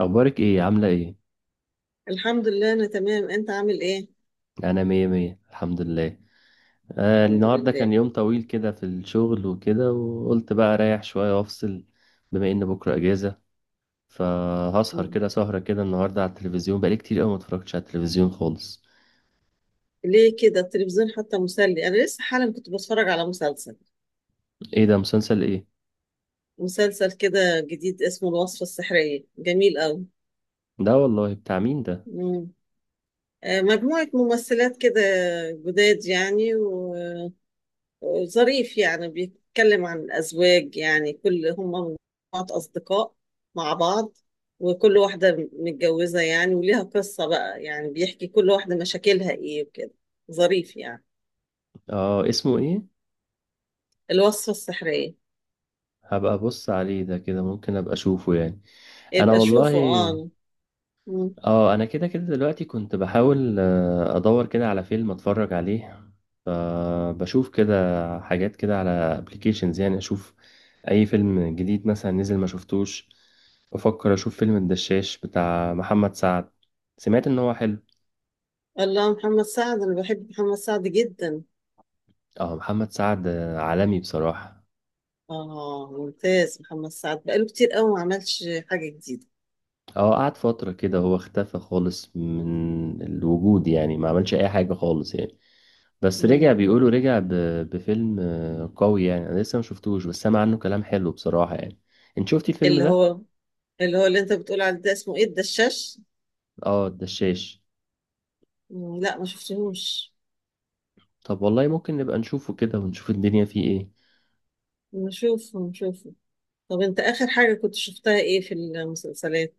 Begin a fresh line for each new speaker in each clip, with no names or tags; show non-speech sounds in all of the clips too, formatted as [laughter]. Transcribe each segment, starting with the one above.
اخبارك ايه؟ عامله ايه؟
الحمد لله، انا تمام. انت عامل ايه؟
انا مية مية الحمد لله.
الحمد
النهارده
لله.
كان يوم طويل كده في الشغل وكده، وقلت بقى اريح شويه وافصل، بما ان بكره اجازه. فهسهر
مم.
كده سهره كده النهارده على التلفزيون، بقالي كتير قوي ما اتفرجتش على التلفزيون خالص.
ليه كده؟ التلفزيون حتى مسلي. انا لسه حالا كنت بتفرج على مسلسل.
ايه ده؟ مسلسل ايه؟
مسلسل كده جديد اسمه الوصفة السحرية، جميل قوي.
ده والله بتاع مين ده؟
مم. مجموعة ممثلات كده، جداد يعني، وظريف يعني. بيتكلم عن الأزواج، يعني كل هم مجموعة أصدقاء مع بعض. وكل واحدة متجوزة يعني وليها قصة بقى، يعني بيحكي كل واحدة مشاكلها ايه وكده. ظريف يعني.
اه، اسمه ايه؟
الوصفة السحرية.
هبقى ابص عليه ده كده، ممكن ابقى اشوفه يعني. انا
يبقى شوفه،
والله.
اه. مم.
اه، انا كده كده دلوقتي كنت بحاول ادور كده على فيلم اتفرج عليه. فبشوف كده حاجات كده على ابلكيشنز، يعني اشوف اي فيلم جديد مثلا نزل ما شفتوش. بفكر اشوف فيلم الدشاش بتاع محمد سعد، سمعت ان هو حلو.
الله، محمد سعد! انا بحب محمد سعد جدا.
اه، محمد سعد عالمي بصراحة.
اه، ممتاز. محمد سعد بقاله كتير قوي ما عملش حاجة جديدة.
اه، قعد فترة كده هو اختفى خالص من الوجود، يعني ما عملش أي حاجة خالص يعني. بس رجع،
مم.
بيقولوا
مم.
رجع بفيلم قوي يعني. أنا لسه ما شفتوش بس سامع عنه كلام حلو بصراحة يعني. انت شفتي الفيلم
اللي
ده؟
هو اللي هو اللي انت بتقول عليه ده اسمه ايه؟ الدشاش؟
اه، الدشاش.
مم. لا، ما شفتهوش.
طب والله ممكن نبقى نشوفه كده ونشوف الدنيا فيه ايه.
نشوفه، نشوفه. طب انت اخر حاجة كنت شفتها ايه في المسلسلات؟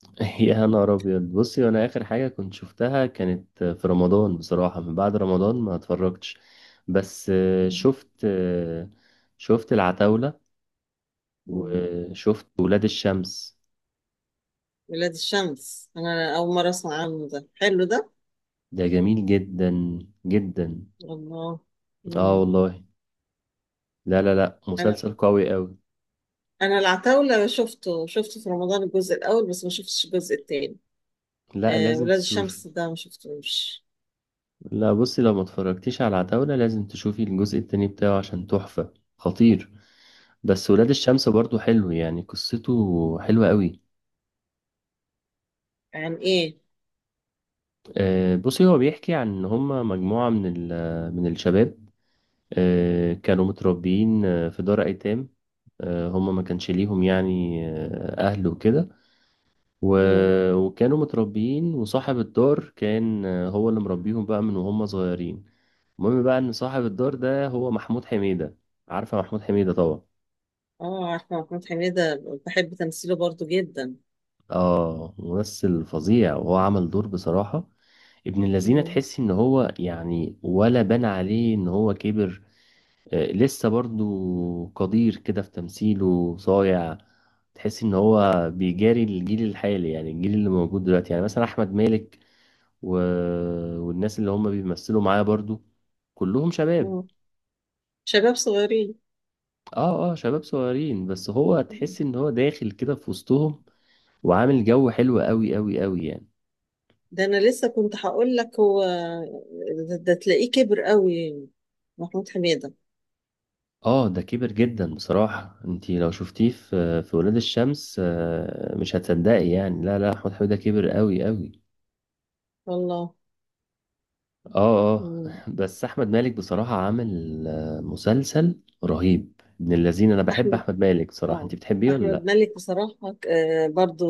[laughs] يا نهار أبيض! بصي، وأنا آخر حاجة كنت شفتها كانت في رمضان بصراحة، من بعد رمضان ما اتفرجتش. بس
مم.
شفت شفت العتاولة،
مم.
وشفت ولاد الشمس.
ولاد الشمس؟ انا اول مرة اسمع عنه. ده حلو ده.
ده جميل جدا، جدا.
الله.
اه
مم.
والله. لا لا لا،
انا
مسلسل قوي قوي.
انا العتاولة شفته في رمضان الجزء الاول، بس ما شفتش الجزء التاني.
لا،
آه،
لازم
ولاد
تشوفي.
الشمس ده ما شفتوش.
لا بصي، لو ما اتفرجتيش على عتاولة لازم تشوفي الجزء التاني بتاعه عشان تحفة، خطير. بس ولاد الشمس برضو حلو يعني، قصته حلوة قوي.
عن ايه؟
بصي، هو بيحكي عن ان هما مجموعة من من الشباب. كانوا متربيين في دار ايتام. هما ما كانش ليهم يعني اهل وكده، و...
مم.
وكانوا متربيين. وصاحب الدار كان هو اللي مربيهم بقى من وهم صغيرين. المهم بقى ان صاحب الدار ده هو محمود حميدة. عارفة محمود حميدة طبعا.
اه، عارفة محمود حميدة، بحب تمثيله برضو جدا.
اه، ممثل فظيع، وهو عمل دور بصراحة ابن الذين.
مم.
تحس ان هو يعني ولا بان عليه ان هو كبر. لسه برضو قدير كده في تمثيله، صايع. تحس ان هو بيجاري الجيل الحالي يعني، الجيل اللي موجود دلوقتي، يعني مثلا احمد مالك و... والناس اللي هم بيمثلوا معاه برضو، كلهم شباب.
مم. شباب صغيرين.
اه اه، شباب صغيرين، بس هو
مم.
تحس ان هو داخل كده في وسطهم، وعامل جو حلو قوي قوي قوي يعني.
ده انا لسه كنت هقول لك، هو ده تلاقيه كبر قوي. محمود حميدة.
اه، ده كبر جدا بصراحة. انتي لو شفتيه في ولاد الشمس مش هتصدقي يعني. لا لا، احمد حميدة كبر قوي قوي.
والله.
اه اه،
مم.
[laughs] بس احمد مالك بصراحة عامل مسلسل رهيب ابن الذين. انا بحب
احمد،
احمد مالك بصراحة،
اه،
انتي بتحبيه ولا
احمد
لا؟
مالك بصراحة، برضو.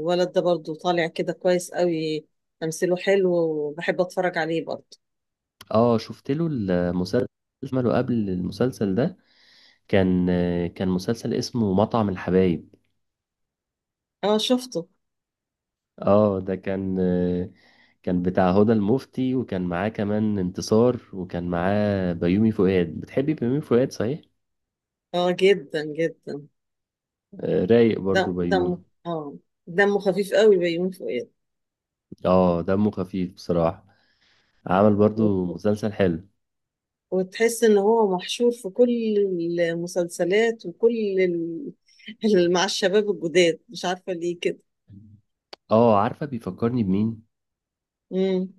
الولد ده برضو طالع كده كويس قوي. تمثيله حلو وبحب اتفرج عليه برضو.
اه، شفت له المسلسل اللي عمله قبل المسلسل ده؟ كان كان مسلسل اسمه مطعم الحبايب.
اه، شفته.
اه، ده كان بتاع هدى المفتي، وكان معاه كمان انتصار، وكان معاه بيومي فؤاد. بتحبي بيومي فؤاد صحيح؟
اه، جدا جدا.
رايق
دم
برضو
دمه
بيومي.
اه، دمه خفيف قوي بيومي فؤاد.
اه، دمه خفيف بصراحة. عمل برضو
وت-
مسلسل حلو.
وتحس ان هو محشور في كل المسلسلات، وكل مع الشباب الجداد. مش عارفة ليه كده.
اه، عارفة بيفكرني بمين؟
امم.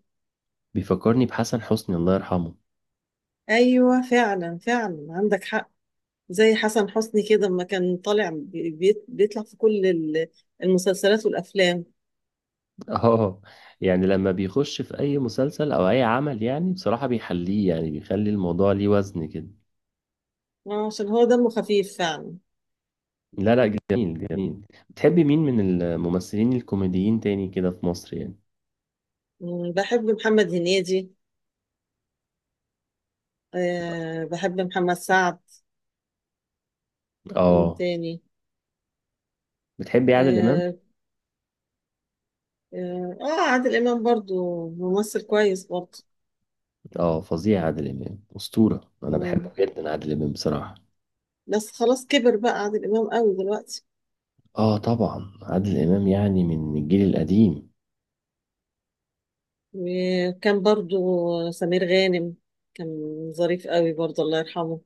بيفكرني بحسن حسني، الله يرحمه.
ايوه، فعلا فعلا، عندك حق. زي حسن حسني كده لما كان طالع، بيطلع في كل المسلسلات والأفلام.
[laughs] اه، يعني لما بيخش في اي مسلسل او اي عمل يعني بصراحة بيحليه، يعني بيخلي الموضوع ليه وزن كده.
عشان هو دمه خفيف فعلا.
لا لا، جميل جميل. بتحبي مين من الممثلين الكوميديين تاني كده في مصر يعني؟
بحب محمد هنيدي. أه، بحب محمد سعد. مين
اه،
تاني؟
بتحبي عادل امام؟
اه، آه، آه، عادل إمام برضو ممثل كويس برضو.
اه فظيع، عادل امام اسطورة، انا
مم.
بحبه جدا عادل امام بصراحة.
بس خلاص، كبر بقى عادل إمام قوي دلوقتي.
اه طبعا، عادل امام يعني من الجيل القديم.
وكان برضو سمير غانم، كان ظريف قوي برضو، الله يرحمه.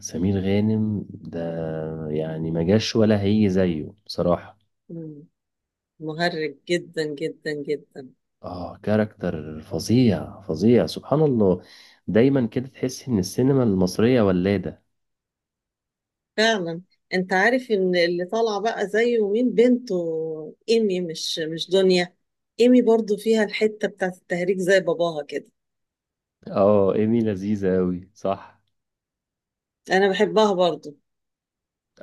سمير غانم ده يعني ما جاش ولا هيجي زيه بصراحة.
مم. مهرج جدا جدا جدا.
اه، كاركتر فظيع فظيع، سبحان الله. دايما كده تحس ان السينما المصرية ولادة.
فعلا. انت عارف ان اللي طالعه بقى زيه مين؟ بنته ايمي، مش دنيا. ايمي برضو فيها الحته بتاعت التهريج زي باباها كده.
اه، ايمي لذيذة اوي صح.
انا بحبها برضو.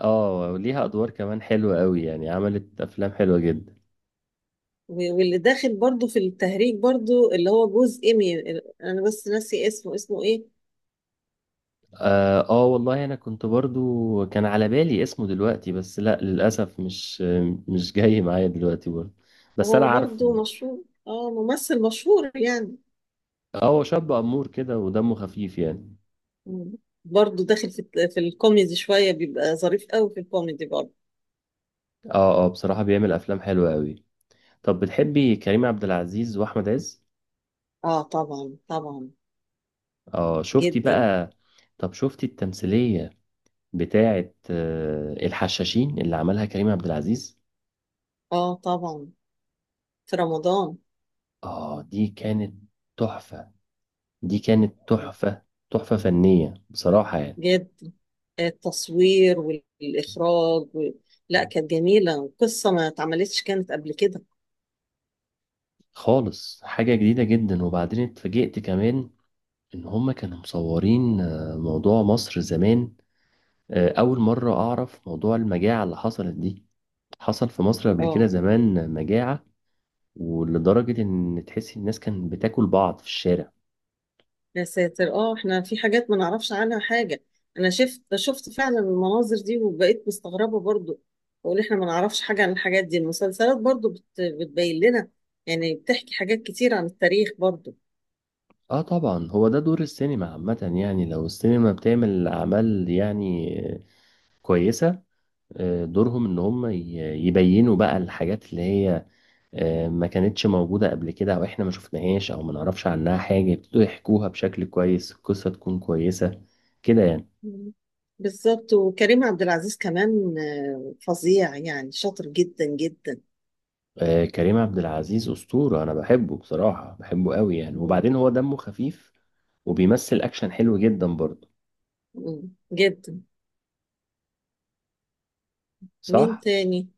اه، وليها ادوار كمان حلوة اوي يعني، عملت افلام حلوة جدا.
واللي داخل برضو في التهريج برضو اللي هو جوز ايمي، انا بس ناسي اسمه، اسمه ايه؟
اه، والله انا كنت برضو كان على بالي اسمه دلوقتي بس لا للاسف، مش جاي معايا دلوقتي برضو، بس انا
هو
عارفه.
برضو مشهور، اه، ممثل مشهور يعني.
اه، هو شاب امور كده ودمه خفيف يعني.
مم. برضو داخل في في الكوميدي شويه، بيبقى ظريف قوي في الكوميدي برضو.
اه اه، بصراحة بيعمل افلام حلوة اوي. طب بتحبي كريم عبد العزيز واحمد عز؟
اه، طبعا طبعا.
اه شفتي
جدا.
بقى؟ طب شفتي التمثيلية بتاعت الحشاشين اللي عملها كريم عبد العزيز؟
اه، طبعا. في رمضان.
اه، دي كانت تحفة. دي كانت تحفة، تحفة فنية بصراحة يعني.
جدا. التصوير والإخراج لا، كانت جميلة. قصة ما اتعملتش كانت قبل كده.
خالص حاجة جديدة جدا. وبعدين اتفاجئت كمان ان هما كانوا مصورين موضوع مصر زمان. اول مرة اعرف موضوع المجاعة اللي حصلت دي، حصل في مصر قبل كده
اه.
زمان مجاعة، ولدرجة ان تحسي الناس كانت بتاكل بعض في الشارع.
يا ساتر، اه، احنا في حاجات ما نعرفش عنها حاجة. انا شفت فعلا المناظر دي وبقيت مستغربة برضو. بقول احنا ما نعرفش حاجة عن الحاجات دي. المسلسلات برضو بتبين لنا، يعني بتحكي حاجات كتير عن التاريخ برضو.
اه طبعا، هو ده دور السينما عامة. يعني لو السينما بتعمل أعمال يعني كويسة، دورهم إن هم يبينوا بقى الحاجات اللي هي ما كانتش موجودة قبل كده، أو إحنا ما شفناهاش أو ما نعرفش عنها حاجة، يبتدوا يحكوها بشكل كويس، القصة تكون كويسة كده يعني.
مم. بالظبط. وكريم عبد العزيز كمان، فظيع يعني، شاطر جدا جدا.
كريم عبد العزيز أسطورة، أنا بحبه بصراحة، بحبه قوي يعني.
مم.
وبعدين هو دمه خفيف وبيمثل أكشن حلو جدا برضه،
مم. جدا. مين
صح؟
تاني؟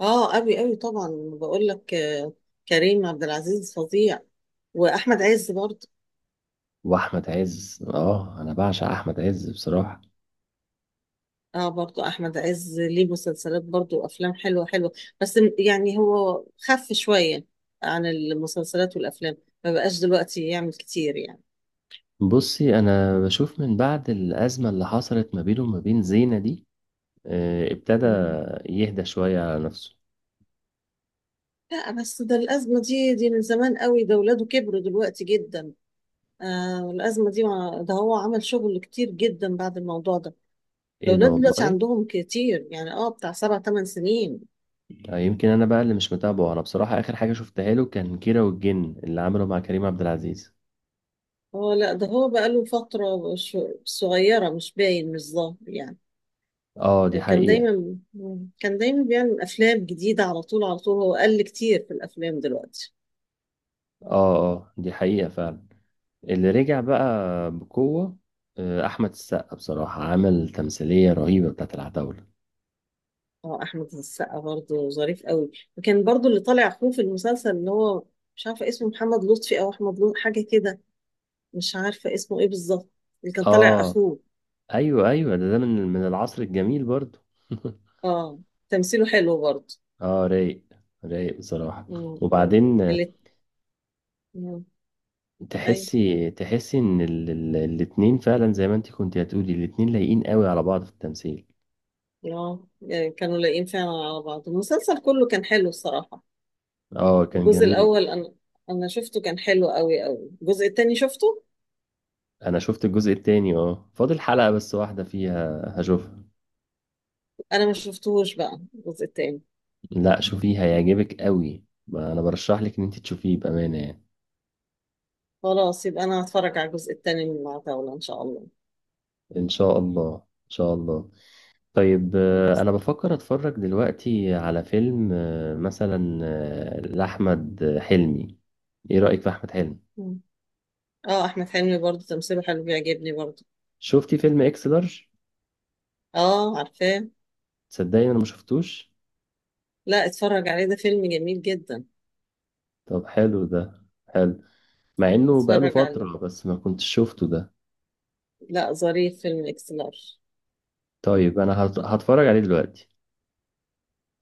اه، قوي قوي طبعا. بقول لك، كريم عبد العزيز فظيع. واحمد عز برضه.
وأحمد عز، أنا بعشق أحمد عز بصراحة.
اه، برضه احمد عز ليه مسلسلات برضه، وافلام حلوه حلوه. بس يعني هو خف شويه عن المسلسلات والافلام. ما بقاش دلوقتي يعمل كتير يعني.
بصي، انا بشوف من بعد الازمه اللي حصلت ما بينه وما بين زينه دي، ابتدى
مم.
يهدى شويه على نفسه.
لا، بس ده الازمه دي من زمان قوي. ده ولاده كبروا دلوقتي جدا. آه الازمه دي، ده هو عمل شغل كتير جدا بعد الموضوع ده. ده
ايه ده
ولاده دلوقتي
والله.
عندهم كتير، يعني اه بتاع 7 8 سنين.
يمكن انا بقى اللي مش متابعه. انا بصراحه اخر حاجه شفتها له كان كيرة والجن اللي عمله مع كريم عبد العزيز.
اه، لا، ده هو بقاله فترة صغيرة، مش باين، مش ظاهر يعني.
اه دي
كان
حقيقه.
دايما كان دايما بيعمل أفلام جديدة، على طول على طول. هو قل كتير في الأفلام دلوقتي.
اه اه، دي حقيقه فعلا. اللي رجع بقى بقوه احمد السقا. بصراحه عمل تمثيليه رهيبه بتاعت العتاوله.
اه، أحمد السقا برضه ظريف قوي. وكان برضه اللي طالع أخوه في المسلسل، اللي هو مش عارفة اسمه محمد لطفي أو أحمد لطفي، حاجة كده. مش عارفة اسمه إيه بالظبط. اللي كان طالع
اه
أخوه.
ايوه ايوه، ده من العصر الجميل برضو. [laughs]
اه، تمثيله حلو برضه.
اه، رايق، رايق بصراحة.
مم، مم.
وبعدين
اللي. مم. أيوه.
تحسي ان الاتنين فعلا، زي ما انت كنت هتقولي، الاتنين لايقين قوي على بعض في التمثيل.
اه، يعني كانوا لايقين فعلا على بعض. المسلسل كله كان حلو الصراحة.
اه كان
الجزء
جميل.
الاول، انا شفته كان حلو قوي قوي. الجزء التاني شفته.
انا شفت الجزء التاني، فاضل حلقة بس واحدة فيها هشوفها.
انا ما شفتهوش بقى الجزء التاني.
لا شوفيه، هيعجبك قوي. ما انا برشح لك ان انت تشوفيه بأمانة يعني.
خلاص، يبقى انا هتفرج على الجزء التاني من العتاولة ان شاء الله.
ان شاء الله ان شاء الله. طيب
خلاص.
انا بفكر اتفرج دلوقتي على فيلم مثلا لاحمد حلمي. ايه رأيك في احمد حلمي؟
مم. اه، احمد حلمي برضه تمثيله حلو، بيعجبني برضه.
شفتي فيلم اكس لارج؟
اه، عارفاه.
تصدقني انا ما شفتوش.
لا، اتفرج عليه، ده فيلم جميل جدا.
طب حلو ده؟ حلو. مع انه بقاله
اتفرج عليه.
فترة بس ما كنتش شفته ده.
لا، ظريف فيلم اكس لارج.
طيب انا هتفرج عليه دلوقتي.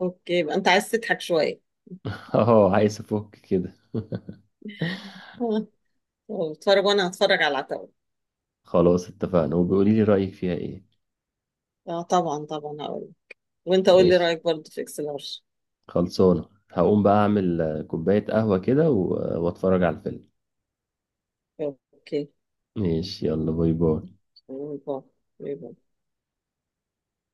اوكي، يبقى انت عايز تضحك شويه.
[laughs] اه، عايز افك كده. [laughs]
آه. طب، اتفرج وانا هتفرج على العتاولة.
خلاص اتفقنا، وبيقولي لي رأيك فيها ايه.
اه، طبعا طبعا هقول. وانت قول لي
ماشي،
رايك برضه في اكس لارج.
خلصانة. هقوم بقى اعمل كوباية قهوة كده واتفرج على الفيلم.
اوكي.
ماشي، يلا باي باي.
أنا أبغى. ليه بعدين؟